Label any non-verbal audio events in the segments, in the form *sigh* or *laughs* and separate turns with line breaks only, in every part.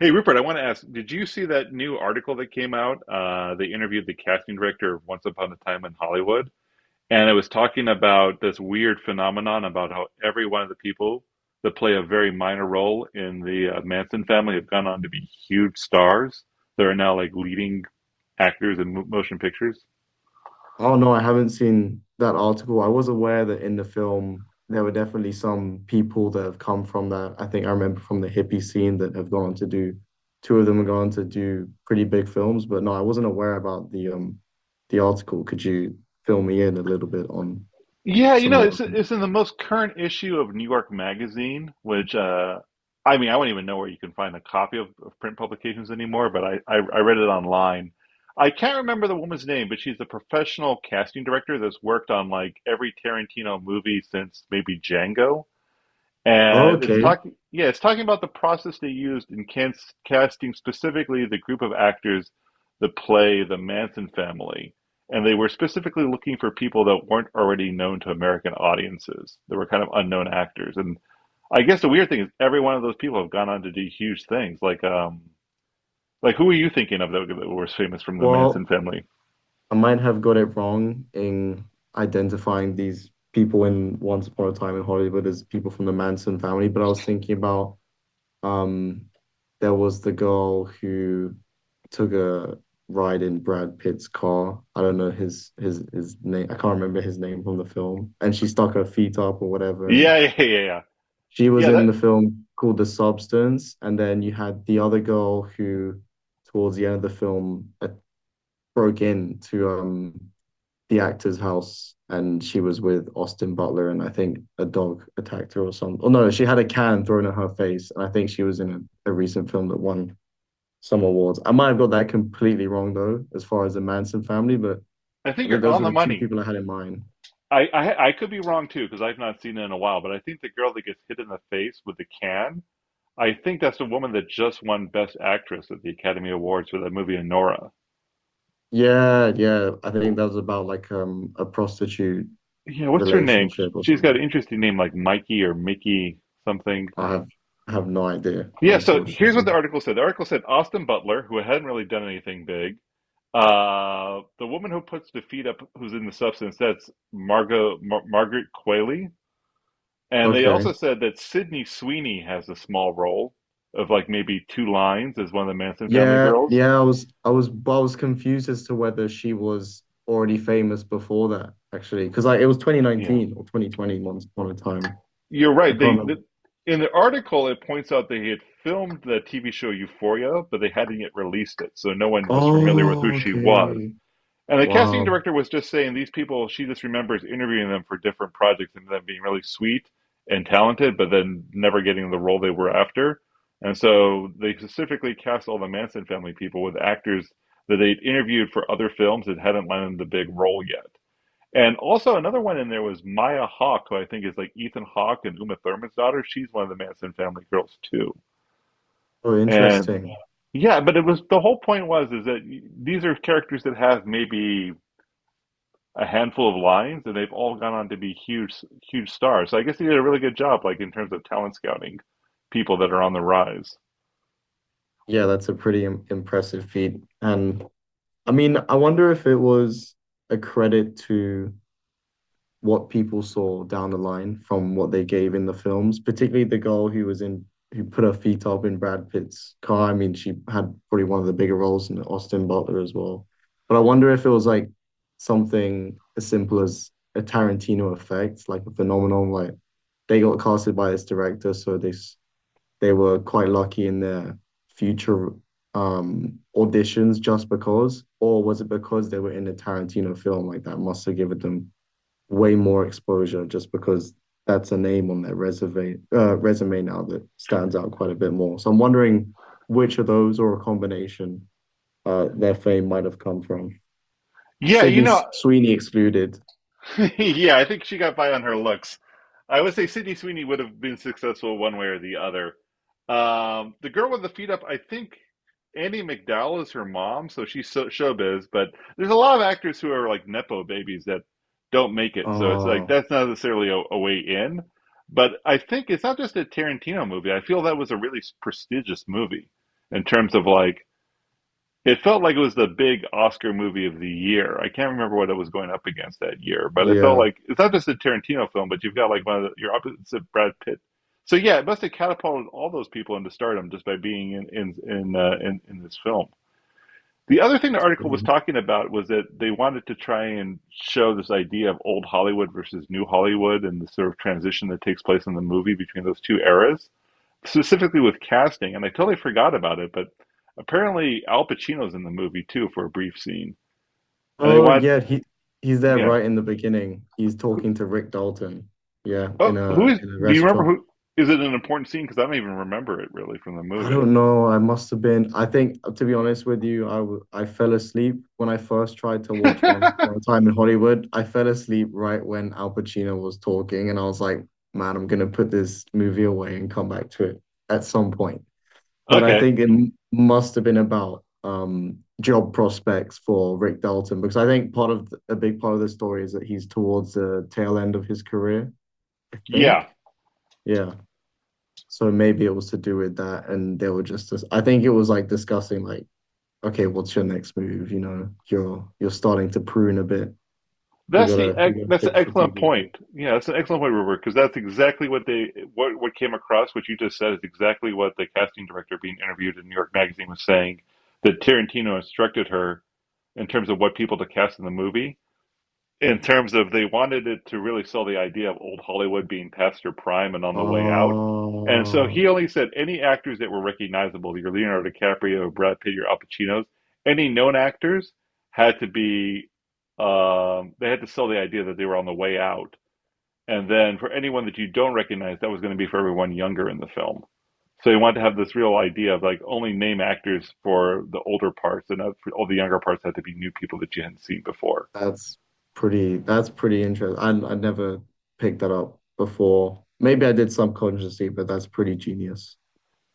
Hey Rupert, I want to ask, did you see that new article that came out? They interviewed the casting director of Once Upon a Time in Hollywood, and it was talking about this weird phenomenon about how every one of the people that play a very minor role in the Manson family have gone on to be huge stars. They're now like leading actors in motion pictures.
Oh no, I haven't seen that article. I was aware that in the film there were definitely some people that have come from that. I think I remember from the hippie scene that have gone to do two of them have gone to do pretty big films, but no, I wasn't aware about the the article. Could you fill me in a little bit on
Yeah, you
some
know,
more
it's
of them?
it's in the most current issue of New York Magazine, which I mean, I wouldn't even know where you can find a copy of print publications anymore, but I read it online. I can't remember the woman's name, but she's a professional casting director that's worked on like every Tarantino movie since maybe Django, and it's
Okay.
talking yeah it's talking about the process they used in casting, specifically the group of actors that play the Manson family. And they were specifically looking for people that weren't already known to American audiences. They were kind of unknown actors. And I guess the weird thing is every one of those people have gone on to do huge things, like like who are you thinking of that was famous from the Manson
Well,
family?
I might have got it wrong in identifying these people in Once Upon a Time in Hollywood as people from the Manson family, but I was thinking about Um, there was the girl who took a ride in Brad Pitt's car. I don't know his name. I can't remember his name from the film. And she stuck her feet up or whatever. And
Yeah, yeah, yeah, yeah, yeah.
she was
Yeah,
in
that,
the film called The Substance. And then you had the other girl who, towards the end of the film, broke into the actor's house and she was with Austin Butler and I think a dog attacked her or something. Oh no, she had a can thrown in her face and I think she was in a recent film that won some awards. I might have got that completely wrong though, as far as the Manson family, but
I
I
think you're
think those
on
were
the
the two
money.
people I had in mind.
I could be wrong too because I've not seen it in a while, but I think the girl that gets hit in the face with the can, I think that's the woman that just won Best Actress at the Academy Awards for that movie Anora.
Yeah, yeah. I think that was about like a prostitute
Yeah, what's her name?
relationship or
She's got
something.
an interesting name like Mikey or Mickey something.
I have I have no idea,
Yeah, so here's what the
unfortunately.
article said. The article said Austin Butler, who hadn't really done anything big, the woman who puts the feet up, who's in the substance, that's Margaret Qualley. And they also
Okay.
said that Sydney Sweeney has a small role of like maybe two lines as one of the Manson family
Yeah,
girls.
yeah, I was confused as to whether she was already famous before that, actually. Because like it was
Yeah,
2019 or 2020 once upon a time.
you're
I
right.
can't remember.
In the article it points out they had filmed the TV show Euphoria, but they hadn't yet released it, so no one was familiar with who
Oh,
she was.
okay.
And the casting
Wow.
director was just saying these people, she just remembers interviewing them for different projects and them being really sweet and talented, but then never getting the role they were after. And so they specifically cast all the Manson family people with actors that they'd interviewed for other films that hadn't landed the big role yet. And also another one in there was Maya Hawke, who I think is like Ethan Hawke and Uma Thurman's daughter. She's one of the Manson family girls too.
Oh,
And
interesting.
yeah, but it was the whole point was is that these are characters that have maybe a handful of lines, and they've all gone on to be huge, huge stars. So I guess they did a really good job, like in terms of talent scouting, people that are on the rise.
Yeah, that's a pretty im impressive feat. And I mean, I wonder if it was a credit to what people saw down the line from what they gave in the films, particularly the girl who was in who put her feet up in Brad Pitt's car. I mean, she had probably one of the bigger roles in Austin Butler as well. But I wonder if it was like something as simple as a Tarantino effect, like a phenomenon like they got casted by this director, so they were quite lucky in their future auditions just because, or was it because they were in a Tarantino film like that must have given them way more exposure just because that's a name on their resume now that stands out quite a bit more. So I'm wondering which of those or a combination their fame might have come from.
Yeah, you
Sydney
know,
Sweeney excluded.
*laughs* yeah, I think she got by on her looks. I would say Sydney Sweeney would have been successful one way or the other. The girl with the feet up, I think Annie McDowell is her mom, so she's so, showbiz. But there's a lot of actors who are like nepo babies that don't make it, so it's like
Oh,
that's not necessarily a way in. But I think it's not just a Tarantino movie. I feel that was a really prestigious movie in terms of like it felt like it was the big Oscar movie of the year. I can't remember what it was going up against that year, but it felt
yeah. That's
like it's not just a Tarantino film, but you've got like one of your opposite Brad Pitt. So yeah, it must have catapulted all those people into stardom just by being in this film. The other thing the article was
Brilliant.
talking about was that they wanted to try and show this idea of old Hollywood versus new Hollywood and the sort of transition that takes place in the movie between those two eras, specifically with casting, and I totally forgot about it, but apparently Al Pacino's in the movie too for a brief scene, and they
Oh,
want,
yeah. He's there
yeah.
right in the beginning. He's
Who,
talking to Rick Dalton. Yeah,
oh,
in a
who is?
in a
Do you remember
restaurant.
who? Is it an important scene? Because I don't even remember it really from the
I
movie.
don't know. I must have been. I think, to be honest with you, I fell asleep when I first tried to watch Once
*laughs*
Upon a Time in Hollywood. I fell asleep right when Al Pacino was talking, and I was like, man, I'm gonna put this movie away and come back to it at some point. But I
Okay,
think it must have been about job prospects for Rick Dalton because I think a big part of the story is that he's towards the tail end of his career, I
yeah,
think. Yeah. So maybe it was to do with that, and I think it was like discussing like, okay, what's your next move? You know, you're starting to prune a bit. We
that's the
gotta we
ec-
gotta
that's an
think
excellent point.
strategically.
Yeah, that's an excellent point, Robert, because that's exactly what they what came across. What you just said is exactly what the casting director being interviewed in New York Magazine was saying, that Tarantino instructed her in terms of what people to cast in the movie, in terms of they wanted it to really sell the idea of old Hollywood being past their prime and on the way out. And so
Oh,
he only said any actors that were recognizable, your Leonardo DiCaprio, Brad Pitt, your Al Pacinos, any known actors had to be, they had to sell the idea that they were on the way out. And then for anyone that you don't recognize, that was going to be for everyone younger in the film. So he wanted to have this real idea of like only name actors for the older parts, and for all the younger parts had to be new people that you hadn't seen before.
that's that's pretty interesting. I never picked that up before. Maybe I did subconsciously, but that's pretty genius.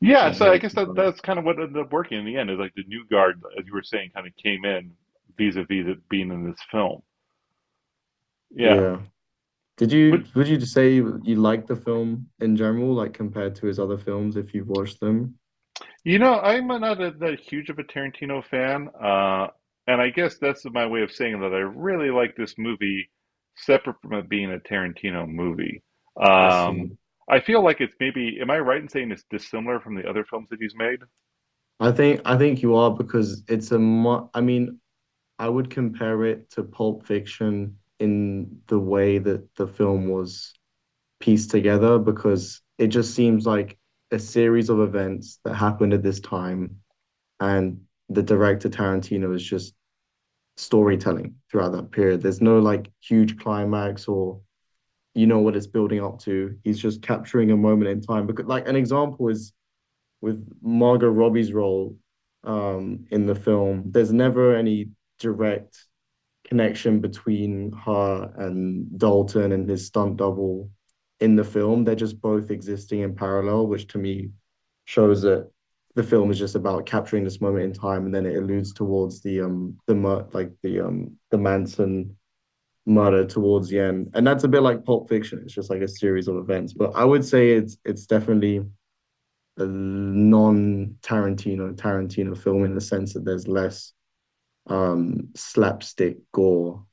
Yeah,
Not
so I
really
guess that
like,
that's kind of what ended up working in the end is like the new guard, as you were saying, kind of came in vis-a-vis it being in this film. Yeah,
yeah. Did you
which,
Would you say you like the film in general, like compared to his other films if you've watched them?
you know, I'm not that huge of a Tarantino fan, and I guess that's my way of saying that I really like this movie, separate from it being a Tarantino movie.
I
Um,
see.
I feel like it's maybe, am I right in saying it's dissimilar from the other films that he's made?
I think you are because it's a mu I mean, I would compare it to Pulp Fiction in the way that the film was pieced together because it just seems like a series of events that happened at this time and the director Tarantino is just storytelling throughout that period. There's no like huge climax or you know what it's building up to. He's just capturing a moment in time because like an example is with Margot Robbie's role in the film, there's never any direct connection between her and Dalton and his stunt double in the film. They're just both existing in parallel, which to me shows that the film is just about capturing this moment in time, and then it alludes towards the Manson murder towards the end, and that's a bit like Pulp Fiction. It's just like a series of events, but I would say it's definitely a non-Tarantino Tarantino film in the sense that there's less slapstick gore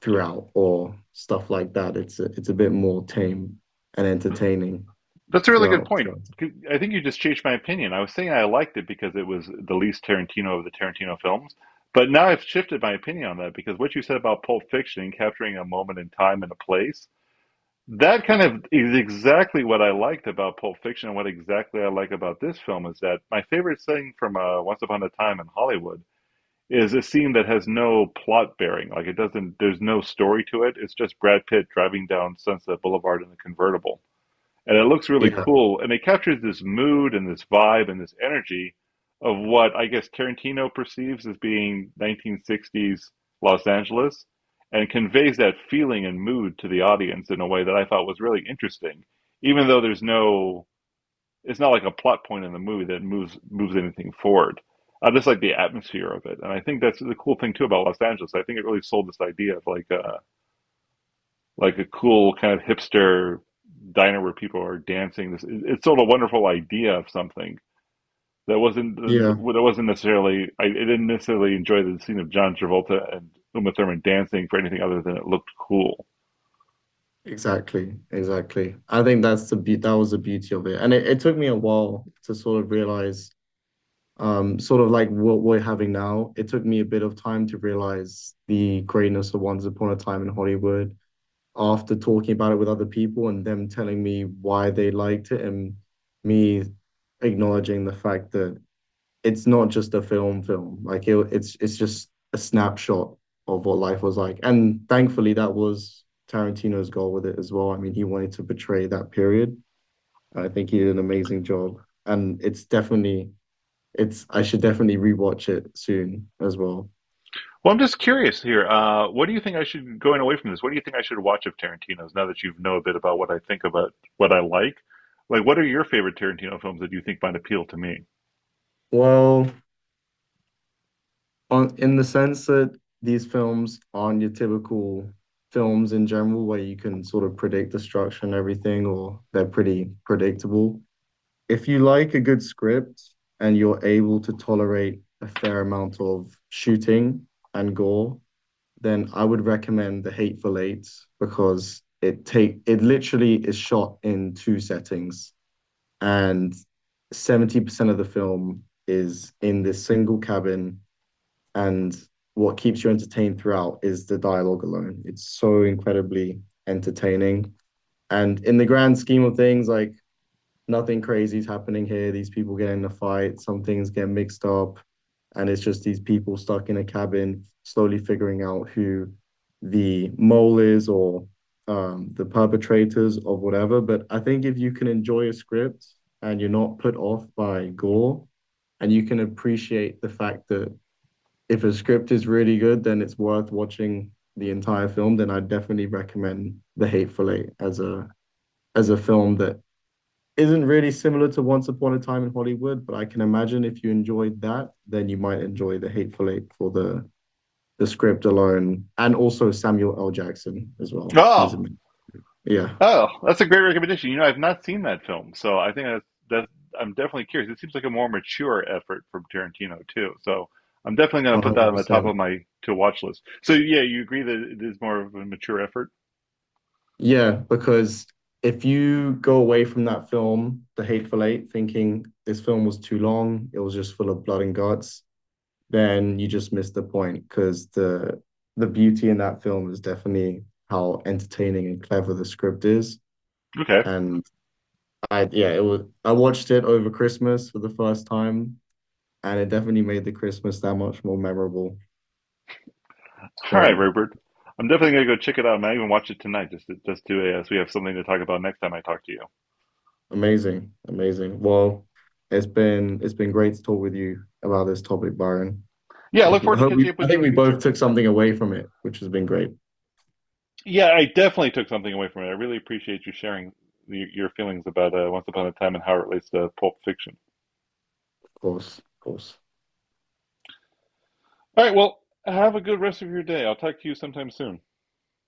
throughout or stuff like that. It's a bit more tame and entertaining
That's a really good point.
throughout.
I think you just changed my opinion. I was saying I liked it because it was the least Tarantino of the Tarantino films, but now I've shifted my opinion on that because what you said about Pulp Fiction, capturing a moment in time and a place, that kind of is exactly what I liked about Pulp Fiction, and what exactly I like about this film is that my favorite thing from Once Upon a Time in Hollywood is a scene that has no plot bearing. Like it doesn't, there's no story to it. It's just Brad Pitt driving down Sunset Boulevard in a convertible and it looks really
Yeah,
cool. And it captures this mood and this vibe and this energy of what I guess Tarantino perceives as being 1960s Los Angeles, and conveys that feeling and mood to the audience in a way that I thought was really interesting. Even though there's no, it's not like a plot point in the movie that moves anything forward. I just like the atmosphere of it, and I think that's the cool thing too about Los Angeles. I think it really sold this idea of like a cool kind of hipster diner where people are dancing. This it's sort of a wonderful idea of something that
yeah,
wasn't necessarily. Didn't necessarily enjoy the scene of John Travolta and Uma Thurman dancing for anything other than it looked cool.
exactly, exactly. I think that was the beauty of it, and it took me a while to sort of realize, sort of like what we're having now. It took me a bit of time to realize the greatness of Once Upon a Time in Hollywood after talking about it with other people and them telling me why they liked it and me acknowledging the fact that it's not just a film film like it's just a snapshot of what life was like, and thankfully that was Tarantino's goal with it as well. I mean, he wanted to portray that period. I think he did an amazing job, and it's definitely it's I should definitely rewatch it soon as well.
Well, I'm just curious here. What do you think I should going away from this? What do you think I should watch of Tarantino's now that you know a bit about what I think about what I like? Like, what are your favorite Tarantino films that you think might appeal to me?
Well, on in the sense that these films aren't your typical films in general where you can sort of predict the structure and everything or they're pretty predictable. If you like a good script and you're able to tolerate a fair amount of shooting and gore, then I would recommend The Hateful Eight because it literally is shot in two settings, and 70% of the film is in this single cabin, and what keeps you entertained throughout is the dialogue alone. It's so incredibly entertaining. And in the grand scheme of things, like nothing crazy is happening here. These people get in a fight, some things get mixed up, and it's just these people stuck in a cabin, slowly figuring out who the mole is, or the perpetrators of whatever. But I think if you can enjoy a script and you're not put off by gore, and you can appreciate the fact that if a script is really good, then it's worth watching the entire film, then I definitely recommend The Hateful Eight as a film that isn't really similar to Once Upon a Time in Hollywood, but I can imagine if you enjoyed that, then you might enjoy The Hateful Eight for the script alone, and also Samuel L. Jackson as well. He's
Oh.
amazing. Yeah,
Oh, that's a great recommendation. You know, I've not seen that film, so I think that's, I'm definitely curious. It seems like a more mature effort from Tarantino too, so I'm definitely going to
one
put that
hundred
on the top
percent.
of my to watch list. So yeah, you agree that it is more of a mature effort?
Yeah, because if you go away from that film, The Hateful Eight, thinking this film was too long, it was just full of blood and guts, then you just miss the point because the beauty in that film is definitely how entertaining and clever the script is.
Okay,
And I, yeah, it was, I watched it over Christmas for the first time, and it definitely made the Christmas that much more memorable.
all right,
So
Rupert. I'm definitely going to go check it out. I might even watch it tonight, just to, as we have something to talk about next time I talk to you.
amazing, amazing. Well, it's been great to talk with you about this topic, Byron.
Yeah, I look
Hope,
forward to
hope we
catching up
I
with you
think
in
we both
future.
took something away from it, which has been great. Of
Yeah, I definitely took something away from it. I really appreciate you sharing your feelings about Once Upon a Time and how it relates to Pulp Fiction.
course, of course.
All right. Well, have a good rest of your day. I'll talk to you sometime soon.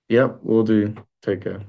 Yep, we'll do. Take care.